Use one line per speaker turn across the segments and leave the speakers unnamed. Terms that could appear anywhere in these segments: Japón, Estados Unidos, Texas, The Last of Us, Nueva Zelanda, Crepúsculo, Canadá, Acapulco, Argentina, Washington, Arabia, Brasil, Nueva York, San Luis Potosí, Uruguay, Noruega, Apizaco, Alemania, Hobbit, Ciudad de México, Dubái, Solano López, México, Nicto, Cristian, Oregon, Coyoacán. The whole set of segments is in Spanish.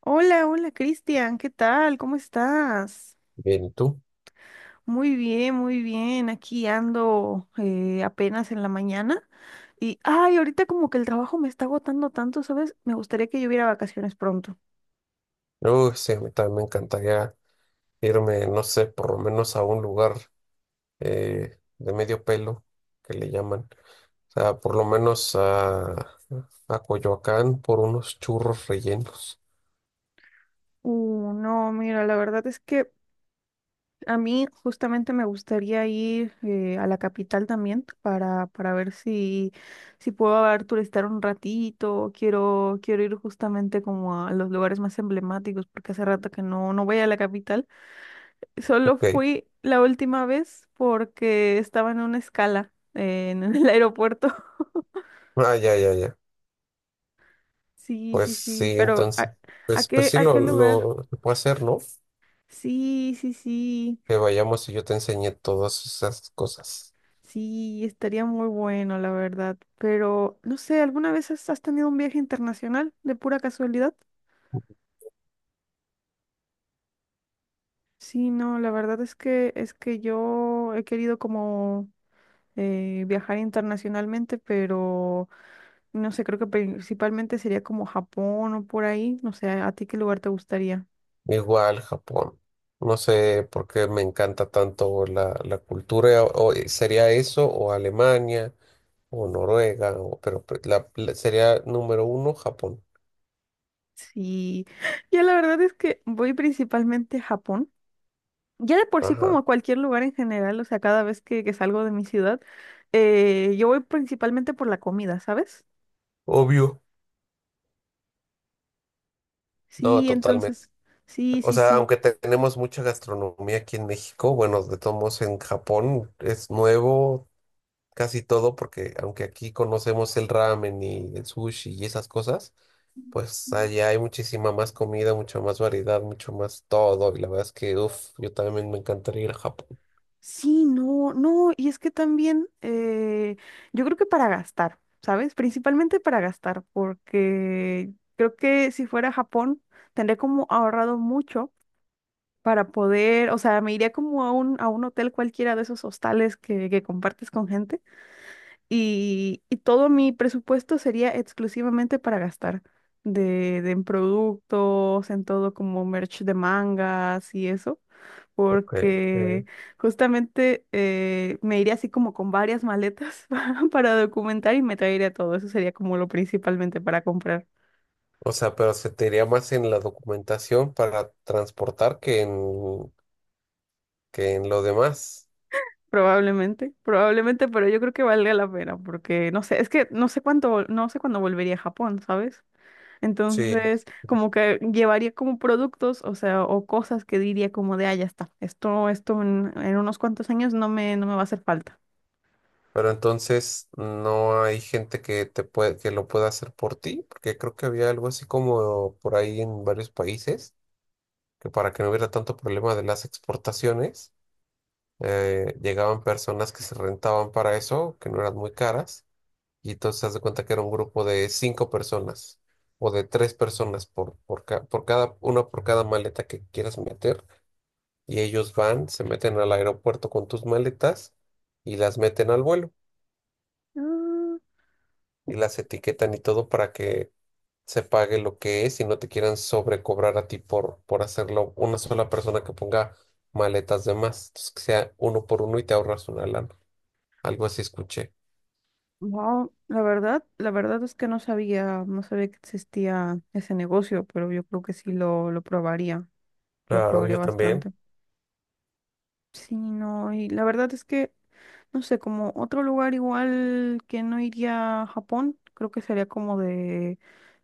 Hola, hola Cristian, ¿qué tal? ¿Cómo estás?
Bien, ¿y tú?
Muy bien, muy bien. Aquí ando apenas en la mañana ahorita como que el trabajo me está agotando tanto, ¿sabes? Me gustaría que yo hubiera vacaciones pronto.
Uy, sí, a mí también me encantaría irme, no sé, por lo menos a un lugar de medio pelo, que le llaman. O sea, por lo menos a Coyoacán por unos churros rellenos.
No, mira, la verdad es que a mí justamente me gustaría ir a la capital también para ver si puedo a ver, turistear un ratito. Quiero ir justamente como a los lugares más emblemáticos porque hace rato que no voy a la capital. Solo
Ok.
fui la última vez porque estaba en una escala en el aeropuerto.
Ah, ya, ya, ya.
Sí,
Pues
sí, sí,
sí,
pero
entonces.
¿
Pues sí,
a qué lugar?
se puede hacer, ¿no?
Sí, sí, sí,
Que vayamos y yo te enseñé todas esas cosas.
sí, estaría muy bueno, la verdad. Pero, no sé, ¿alguna vez has, has tenido un viaje internacional de pura casualidad? Sí, no, la verdad es que yo he querido como viajar internacionalmente, pero no sé, creo que principalmente sería como Japón o por ahí. No sé, ¿a ti qué lugar te gustaría?
Igual, Japón. No sé por qué me encanta tanto la cultura. Sería eso o Alemania o Noruega, sería número uno Japón.
Sí, ya la verdad es que voy principalmente a Japón. Ya de por sí como
Ajá,
a cualquier lugar en general, o sea, cada vez que salgo de mi ciudad, yo voy principalmente por la comida, ¿sabes?
obvio. No,
Sí,
totalmente.
entonces, sí,
O
sí,
sea,
sí.
tenemos mucha gastronomía aquí en México, bueno, de todos modos en Japón es nuevo casi todo, porque aunque aquí conocemos el ramen y el sushi y esas cosas, pues allá hay muchísima más comida, mucha más variedad, mucho más todo. Y la verdad es que, uff, yo también me encantaría ir a Japón.
Sí, no, no, y es que también yo creo que para gastar, ¿sabes? Principalmente para gastar, porque creo que si fuera a Japón tendría como ahorrado mucho para poder, o sea, me iría como a a un hotel cualquiera de esos hostales que compartes con gente y todo mi presupuesto sería exclusivamente para gastar de en productos, en todo como merch de mangas y eso,
Ok,
porque
ok.
justamente me iría así como con varias maletas para documentar y me traería todo. Eso sería como lo principalmente para comprar.
O sea, pero se te iría más en la documentación para transportar que en lo demás.
Probablemente, probablemente, pero yo creo que valga la pena porque no sé, es que no sé cuánto, no sé cuándo volvería a Japón, ¿sabes?
Sí.
Entonces, como que llevaría como productos, o sea, o cosas que diría como de, ah, ya está, esto en unos cuantos años no no me va a hacer falta.
Pero entonces no hay gente que te puede, que lo pueda hacer por ti, porque creo que había algo así como por ahí en varios países, que para que no hubiera tanto problema de las exportaciones, llegaban personas que se rentaban para eso, que no eran muy caras. Y entonces haz de cuenta que era un grupo de cinco personas o de tres personas por, ca- por cada, una por cada maleta que quieras meter. Y ellos van, se meten al aeropuerto con tus maletas y las meten al vuelo
Ah,
y las etiquetan y todo para que se pague lo que es y no te quieran sobrecobrar a ti por hacerlo una sola persona que ponga maletas de más. Entonces que sea uno por uno y te ahorras una lana. Algo así escuché.
wow, la verdad es que no sabía, no sabía que existía ese negocio, pero yo creo que sí lo
Claro,
probaría
yo también.
bastante. Sí, no, y la verdad es que, no sé, como otro lugar igual que no iría a Japón, creo que sería como de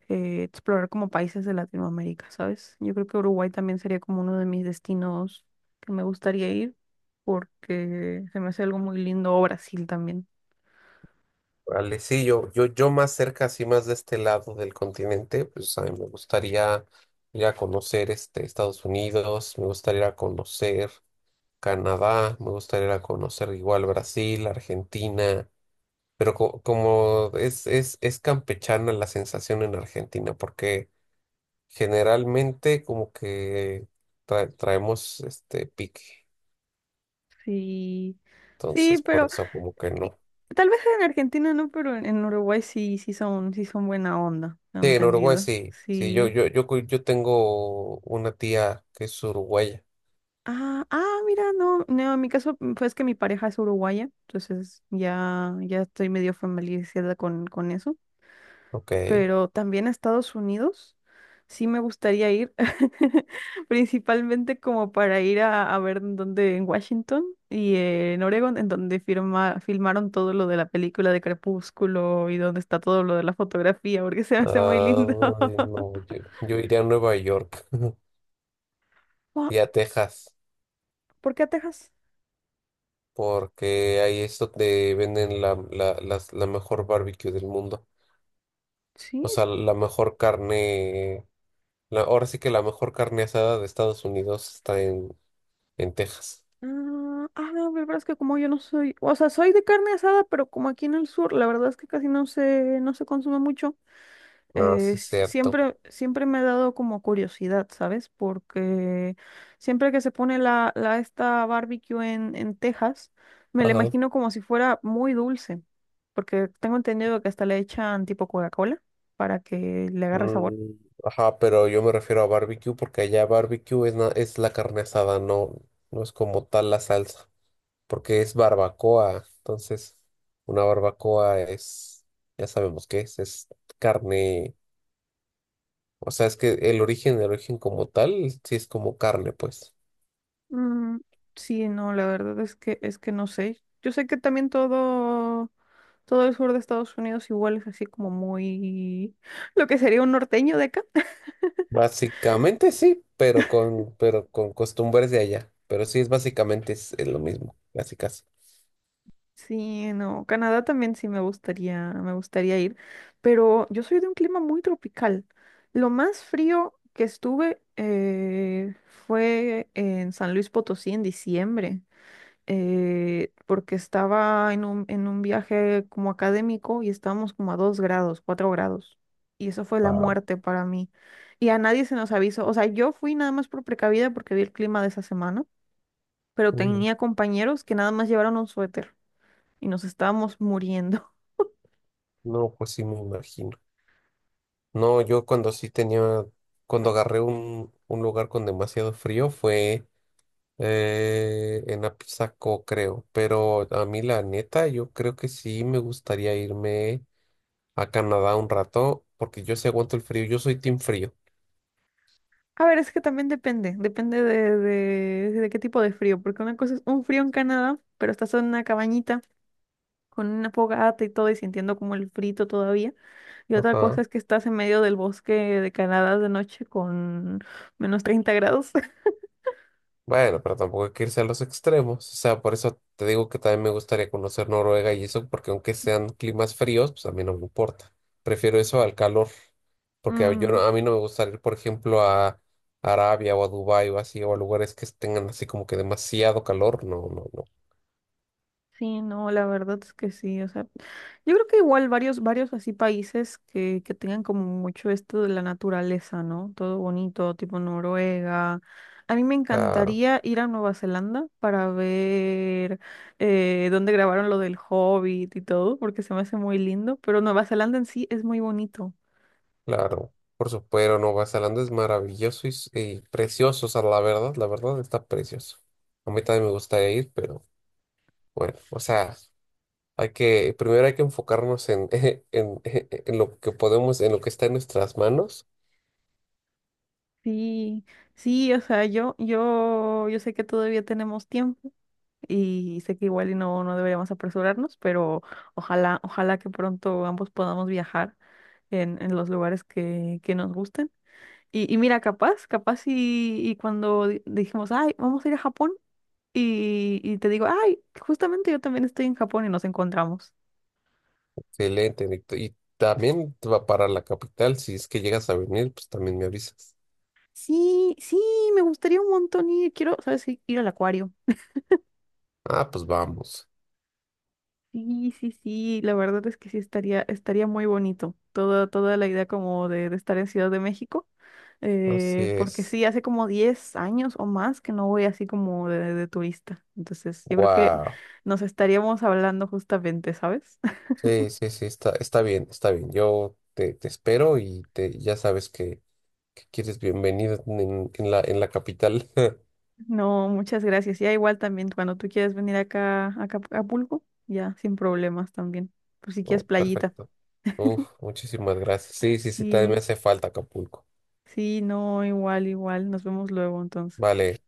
explorar como países de Latinoamérica, ¿sabes? Yo creo que Uruguay también sería como uno de mis destinos que me gustaría ir, porque se me hace algo muy lindo, o Brasil también.
Vale, sí, yo más cerca, así más de este lado del continente, pues a mí me gustaría ir a conocer este, Estados Unidos, me gustaría ir a conocer Canadá, me gustaría ir a conocer igual Brasil, Argentina, pero es campechana la sensación en Argentina, porque generalmente como que traemos este pique,
Sí, sí,
entonces por
pero
eso como que
y-
no.
tal vez en Argentina no, pero en Uruguay sí, sí son buena onda,
Sí, en Uruguay
¿entendido?
sí. Sí,
Sí.
yo tengo una tía que es uruguaya.
Ah, ah, mira, no, no, en mi caso pues que mi pareja es uruguaya, entonces ya, ya estoy medio familiarizada con eso.
Ok.
Pero también a Estados Unidos sí me gustaría ir, principalmente como para ir a ver en dónde, en Washington y en Oregon, en donde filmaron todo lo de la película de Crepúsculo y donde está todo lo de la fotografía, porque se me hace muy
Ah,
lindo.
no, yo iría a Nueva York
Wa-
y a Texas,
¿Por qué a Texas?
porque ahí es donde venden la mejor barbecue del mundo.
Sí,
O sea, la mejor carne. Ahora sí que la mejor carne asada de Estados Unidos está en Texas.
ah, ah, no, la verdad es que como yo no soy, o sea, soy de carne asada, pero como aquí en el sur, la verdad es que casi no se, no se consume mucho.
Ah, sí, es cierto.
Siempre, siempre me ha dado como curiosidad, ¿sabes? Porque siempre que se pone la esta barbecue en Texas, me la
Ajá.
imagino como si fuera muy dulce, porque tengo entendido que hasta le echan tipo Coca-Cola para que le agarre sabor.
Mm, ajá, pero yo me refiero a barbecue porque allá barbecue es la carne asada, no, no es como tal la salsa, porque es barbacoa. Entonces, una barbacoa es, ya sabemos qué es carne. O sea, es que el origen como tal, sí es como carne, pues.
Mm, sí, no, la verdad es que no sé. Yo sé que también todo, todo el sur de Estados Unidos igual es así como muy lo que sería un norteño de acá.
Básicamente sí, pero pero con costumbres de allá. Pero sí es básicamente es lo mismo, casi casi.
Sí, no, Canadá también sí me gustaría ir, pero yo soy de un clima muy tropical. Lo más frío que estuve fue en San Luis Potosí en diciembre. Porque estaba en en un viaje como académico y estábamos como a 2 grados, 4 grados. Y eso fue la
Wow.
muerte para mí. Y a nadie se nos avisó. O sea, yo fui nada más por precavida porque vi el clima de esa semana, pero tenía compañeros que nada más llevaron un suéter y nos estábamos muriendo.
No, pues sí me imagino. No, yo cuando sí tenía, cuando agarré un lugar con demasiado frío fue en Apizaco, creo. Pero a mí la neta, yo creo que sí me gustaría irme a Canadá un rato, porque yo sí aguanto el frío, yo soy team frío.
A ver, es que también depende, depende de qué tipo de frío, porque una cosa es un frío en Canadá, pero estás en una cabañita con una fogata y todo y sintiendo como el frito todavía. Y otra cosa
Ajá.
es que estás en medio del bosque de Canadá de noche con -30 grados.
Bueno, pero tampoco hay que irse a los extremos. O sea, por eso te digo que también me gustaría conocer Noruega y eso, porque aunque sean climas fríos, pues a mí no me importa. Prefiero eso al calor, porque a- yo no-
Mm,
a mí no me gustaría ir, por ejemplo, a Arabia o a Dubái o así, o a lugares que tengan así como que demasiado calor. No, no, no.
sí, no, la verdad es que sí. O sea, yo creo que igual varios, varios así países que tengan como mucho esto de la naturaleza, ¿no? Todo bonito, tipo Noruega. A mí me
Claro,
encantaría ir a Nueva Zelanda para ver dónde grabaron lo del Hobbit y todo, porque se me hace muy lindo, pero Nueva Zelanda en sí es muy bonito.
claro. Por supuesto, Nueva Zelanda es maravilloso y, y precioso. O sea, la verdad está precioso. A mí también me gustaría ir, pero bueno, o sea. Hay que, primero hay que enfocarnos en lo que podemos, en lo que está en nuestras manos.
Sí, sí, o sea, yo sé que todavía tenemos tiempo y sé que igual y no, no deberíamos apresurarnos, pero ojalá, ojalá que pronto ambos podamos viajar en los lugares que nos gusten. Y mira, capaz, capaz y cuando dijimos, ay, vamos a ir a Japón, y te digo, ay, justamente yo también estoy en Japón y nos encontramos.
Excelente, Nicto. Y también va para la capital. Si es que llegas a venir, pues también me avisas.
Sí, sí, me gustaría un montón ir, quiero, ¿sabes qué? Ir al acuario.
Ah, pues vamos.
Sí, sí, sí, la verdad es que sí estaría, estaría muy bonito toda, toda la idea como de estar en Ciudad de México,
Así
porque
es.
sí, hace como 10 años o más que no voy así como de turista, entonces yo creo que
Wow.
nos estaríamos hablando justamente, ¿sabes?
Sí, sí, sí, está, está bien, está bien. Yo te, te espero y te, ya sabes que quieres bienvenido en la capital.
No, muchas gracias, ya igual también cuando tú quieras venir acá a Acapulco, ya sin problemas también, por si quieres
Oh,
playita.
perfecto. Uf, muchísimas gracias. Sí, sí, sí, también me
Sí,
hace falta Acapulco.
sí, no, igual, igual, nos vemos luego entonces.
Vale.